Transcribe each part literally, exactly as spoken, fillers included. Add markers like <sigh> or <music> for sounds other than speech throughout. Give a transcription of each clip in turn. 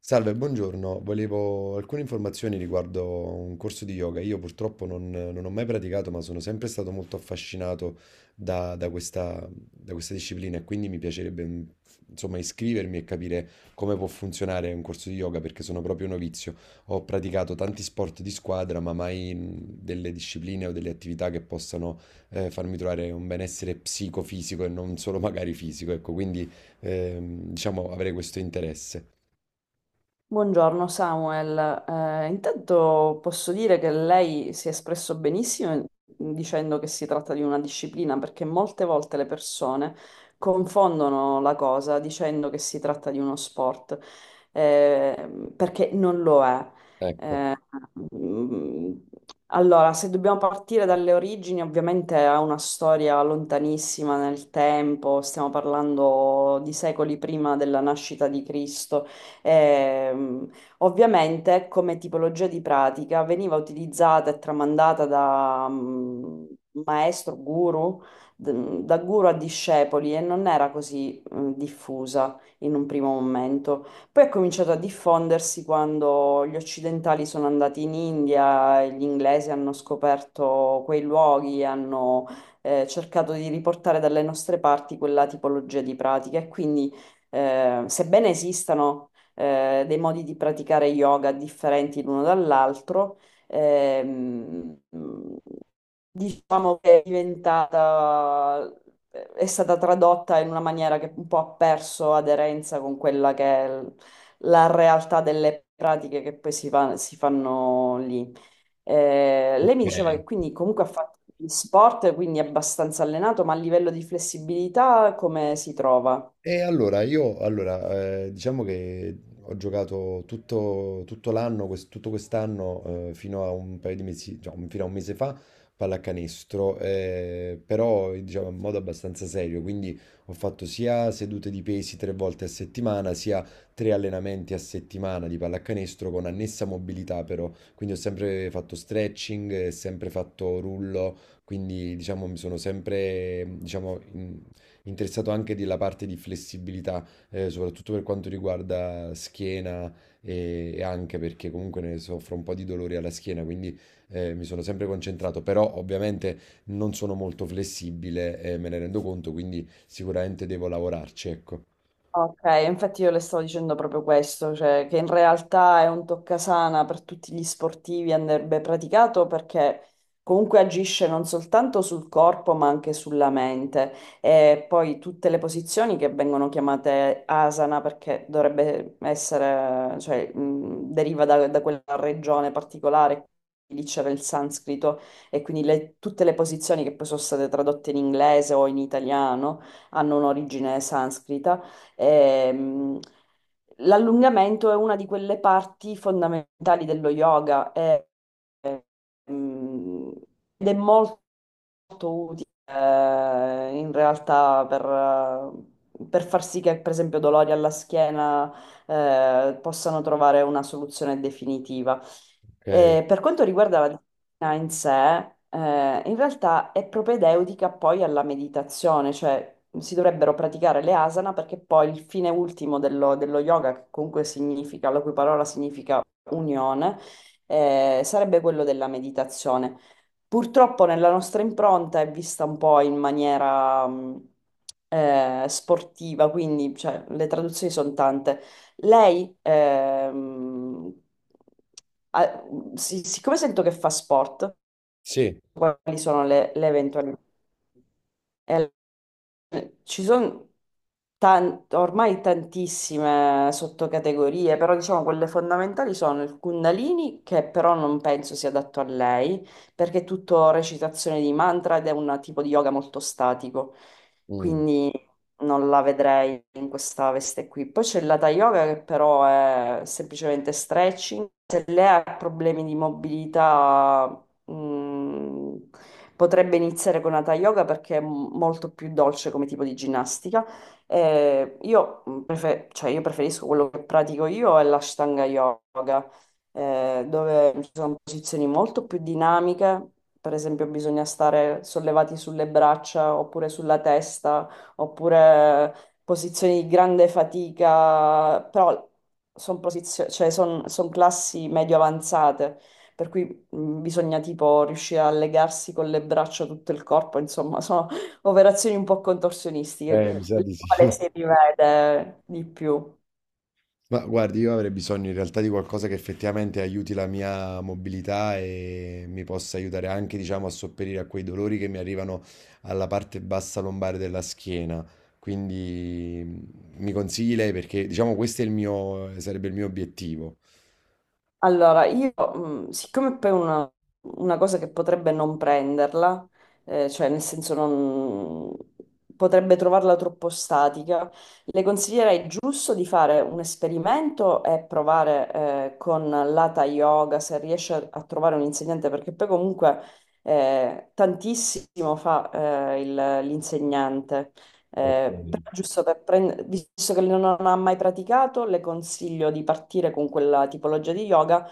Salve, buongiorno. Volevo alcune informazioni riguardo un corso di yoga. Io purtroppo non, non ho mai praticato, ma sono sempre stato molto affascinato da, da questa, da questa disciplina e quindi mi piacerebbe, mm, insomma, iscrivermi e capire come può funzionare un corso di yoga perché sono proprio novizio. Ho praticato tanti sport di squadra, ma mai mm, delle discipline o delle attività che possano eh, farmi trovare un benessere psicofisico e non solo magari fisico. Ecco, quindi ehm, diciamo avrei questo interesse. Buongiorno Samuel. Eh, intanto posso dire che lei si è espresso benissimo in- dicendo che si tratta di una disciplina, perché molte volte le persone confondono la cosa dicendo che si tratta di uno sport, eh, perché non lo è. Ecco. Eh, mm, allora, se dobbiamo partire dalle origini, ovviamente ha una storia lontanissima nel tempo, stiamo parlando di secoli prima della nascita di Cristo. Ehm, Ovviamente come tipologia di pratica veniva utilizzata e tramandata da mm, maestro, guru, d- da guru a discepoli, e non era così mm, diffusa in un primo momento. Poi è cominciato a diffondersi quando gli occidentali sono andati in India, e gli inglesi hanno scoperto quei luoghi, hanno eh, cercato di riportare dalle nostre parti quella tipologia di pratica, e quindi eh, sebbene esistano eh, dei modi di praticare yoga differenti l'uno dall'altro. Ehm, diciamo che è diventata, è stata tradotta in una maniera che un po' ha perso aderenza con quella che è l- la realtà delle pratiche che poi si, fa- si fanno lì. Eh, lei mi diceva che quindi comunque ha fatto gli sport, quindi è abbastanza allenato, ma a livello di flessibilità come si trova? E allora io, allora, eh, diciamo che ho giocato tutto, tutto l'anno, quest- tutto quest'anno, eh, fino a un paio di mesi, cioè, fino a un mese fa, pallacanestro, eh, però diciamo in modo abbastanza serio, quindi ho fatto sia sedute di pesi tre volte a settimana, sia tre allenamenti a settimana di pallacanestro con annessa mobilità però, quindi ho sempre fatto stretching, eh, sempre fatto rullo, quindi diciamo mi sono sempre, diciamo, in- interessato anche della parte di flessibilità, eh, soprattutto per quanto riguarda schiena e, e anche perché comunque ne soffro un po' di dolori alla schiena, quindi eh, mi sono sempre concentrato, però ovviamente non sono molto flessibile, eh, me ne rendo conto, quindi sicuramente devo lavorarci, ecco. Ok, infatti io le stavo dicendo proprio questo, cioè che in realtà è un toccasana per tutti gli sportivi, andrebbe praticato perché comunque agisce non soltanto sul corpo ma anche sulla mente. E poi tutte le posizioni che vengono chiamate asana, perché dovrebbe essere, cioè mh, deriva da, da quella regione particolare, lì c'era il sanscrito, e quindi le- tutte le posizioni che poi sono state tradotte in inglese o in italiano hanno un'origine sanscrita. Ehm, L'allungamento è una di quelle parti fondamentali dello yoga. eh, ehm, Ed è molto molto utile eh, in realtà per, eh, per far sì che, per esempio, dolori alla schiena eh, possano trovare una soluzione definitiva. Ok, Eh, per quanto riguarda la disciplina in sé, eh, in realtà è propedeutica poi alla meditazione, cioè si dovrebbero praticare le asana perché poi il fine ultimo dello, dello yoga, che comunque significa, la cui parola significa unione, eh, sarebbe quello della meditazione. Purtroppo nella nostra impronta è vista un po' in maniera mh, eh, sportiva, quindi cioè, le traduzioni sono tante. Lei, ehm, ha- si- siccome sento che fa sport, sì. quali sono le, le eventuali... Eh, ci sono ormai tantissime sottocategorie, però diciamo quelle fondamentali sono il Kundalini, che però non penso sia adatto a lei, perché è tutto recitazione di mantra ed è un tipo di yoga molto statico. Mm. Quindi non la vedrei in questa veste qui. Poi c'è l'Hatha Yoga, che però è semplicemente stretching. Se lei ha problemi di mobilità, mh, potrebbe iniziare con Hatha Yoga, perché è m- molto più dolce come tipo di ginnastica. Eh, io, mh, prefe- cioè, io preferisco, quello che pratico io è l'Ashtanga Yoga, eh, dove ci sono posizioni molto più dinamiche. Per esempio, bisogna stare sollevati sulle braccia oppure sulla testa, oppure posizioni di grande fatica, però sono, cioè son, son classi medio avanzate, per cui mh, bisogna tipo riuscire a legarsi con le braccia tutto il corpo, insomma, sono <laughs> operazioni un po' contorsionistiche, Eh, mi sa le di quali sì. si <laughs> rivede di più. Ma guardi, io avrei bisogno in realtà di qualcosa che effettivamente aiuti la mia mobilità e mi possa aiutare anche, diciamo, a sopperire a quei dolori che mi arrivano alla parte bassa lombare della schiena. Quindi mm, mi consigli lei perché, diciamo, questo è il mio, sarebbe il mio obiettivo. Allora, io, mh, siccome poi una, una cosa che potrebbe non prenderla, eh, cioè nel senso non potrebbe trovarla troppo statica, le consiglierei giusto di fare un esperimento e provare, eh, con l'Hatha Yoga, se riesce a, a trovare un insegnante, perché poi comunque eh, tantissimo fa eh, il- l'insegnante. Ok. Eh, però giusto per prendere, visto che non ha mai praticato, le consiglio di partire con quella tipologia di yoga,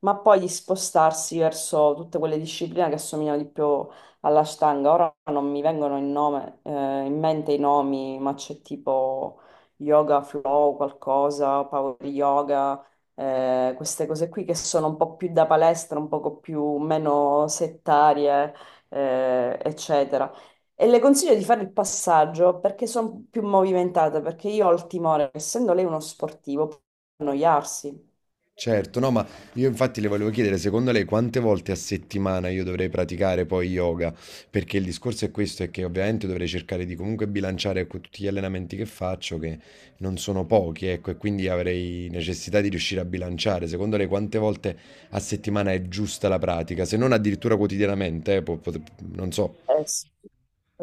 ma poi di spostarsi verso tutte quelle discipline che assomigliano di più all'Ashtanga. Ora non mi vengono in, nome- eh, in mente i nomi, ma c'è tipo yoga flow, qualcosa, power yoga, eh, queste cose qui che sono un po' più da palestra, un poco più meno settarie, eh, eccetera. E le consiglio di fare il passaggio perché sono più movimentate, perché io ho il timore, essendo lei uno sportivo, può annoiarsi. Certo, no, ma io infatti le volevo chiedere, secondo lei quante volte a settimana io dovrei praticare poi yoga? Perché il discorso è questo, è che ovviamente dovrei cercare di comunque bilanciare con tutti gli allenamenti che faccio, che non sono pochi, ecco, e quindi avrei necessità di riuscire a bilanciare. Secondo lei quante volte a settimana è giusta la pratica? Se non addirittura quotidianamente, eh, po- pot- non so. Eh, s-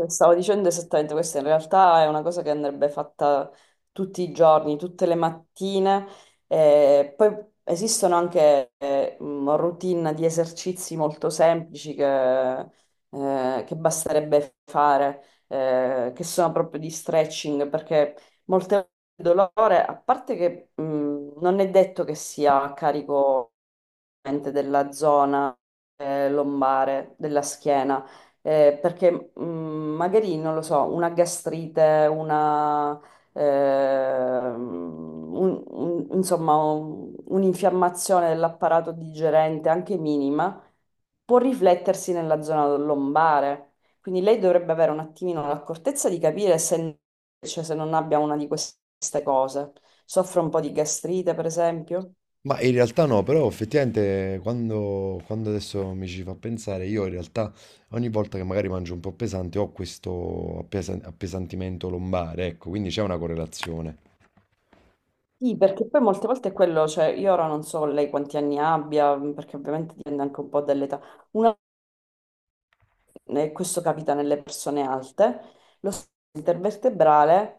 Stavo dicendo esattamente questo, in realtà è una cosa che andrebbe fatta tutti i giorni, tutte le mattine. Eh, poi esistono anche eh, mh, routine di esercizi molto semplici che, eh, che basterebbe fare, eh, che sono proprio di stretching, perché molte volte il dolore, a parte che mh, non è detto che sia a carico veramente della zona eh, lombare, della schiena, eh, perché mh, magari, non lo so, una gastrite, una, ehm, un- un- insomma, un- un'infiammazione dell'apparato digerente, anche minima, può riflettersi nella zona lombare. Quindi lei dovrebbe avere un attimino l'accortezza di capire se, cioè, se non abbia una di queste cose. Soffre un po' di gastrite, per esempio? Ma in realtà no, però effettivamente quando, quando adesso mi ci fa pensare, io in realtà ogni volta che magari mangio un po' pesante ho questo appesa- appesantimento lombare, ecco, quindi c'è una correlazione. Sì, perché poi molte volte è quello, cioè io ora non so lei quanti anni abbia, perché ovviamente dipende anche un po' dall'età. Una, e questo capita nelle persone alte, lo stato intervertebrale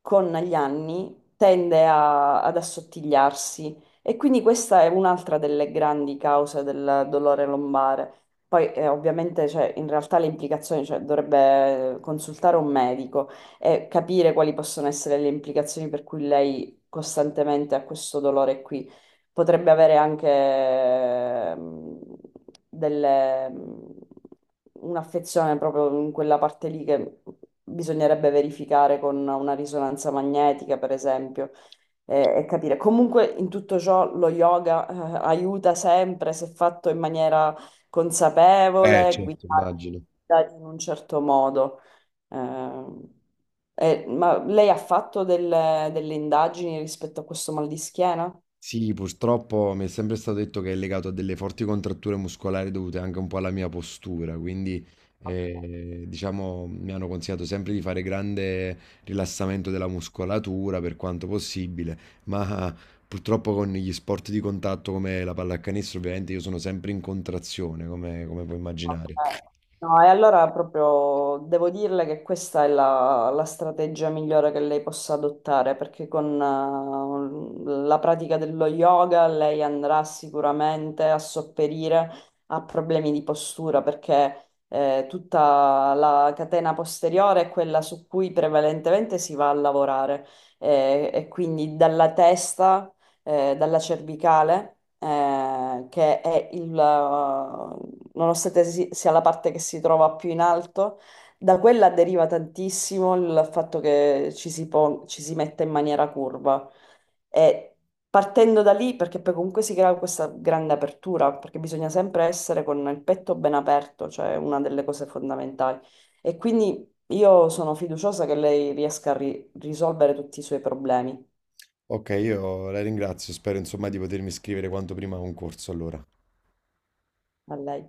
con gli anni tende a- ad assottigliarsi, e quindi questa è un'altra delle grandi cause del dolore lombare. Poi eh, ovviamente cioè, in realtà le implicazioni, cioè, dovrebbe consultare un medico e capire quali possono essere le implicazioni per cui lei costantemente ha questo dolore qui. Potrebbe avere anche ehm, delle- mm, un'affezione proprio in quella parte lì, che bisognerebbe verificare con una risonanza magnetica, per esempio, e, e capire. Comunque, in tutto ciò, lo yoga, eh, aiuta sempre se fatto in maniera Eh, consapevole, certo, guidato immagino. guidato in un certo modo. Ehm, eh, ma lei ha fatto delle, delle indagini rispetto a questo mal di schiena? Sì, purtroppo mi è sempre stato detto che è legato a delle forti contratture muscolari dovute anche un po' alla mia postura, quindi eh, diciamo mi hanno consigliato sempre di fare grande rilassamento della muscolatura per quanto possibile, ma purtroppo con gli sport di contatto come la pallacanestro ovviamente io sono sempre in contrazione, come, come puoi immaginare. Eh, No, e allora proprio devo dirle che questa è la, la strategia migliore che lei possa adottare, perché con eh, la pratica dello yoga lei andrà sicuramente a sopperire a problemi di postura, perché eh, tutta la catena posteriore è quella su cui prevalentemente si va a lavorare, eh, e quindi dalla testa, eh, dalla cervicale, eh, che è il, nonostante si- sia la parte che si trova più in alto, da quella deriva tantissimo il fatto che ci si, po- ci si metta in maniera curva. E partendo da lì, perché poi comunque si crea questa grande apertura, perché bisogna sempre essere con il petto ben aperto, cioè è una delle cose fondamentali. E quindi io sono fiduciosa che lei riesca a ri- risolvere tutti i suoi problemi. Ok, io la ringrazio, spero insomma di potermi iscrivere quanto prima a un corso allora. A lei.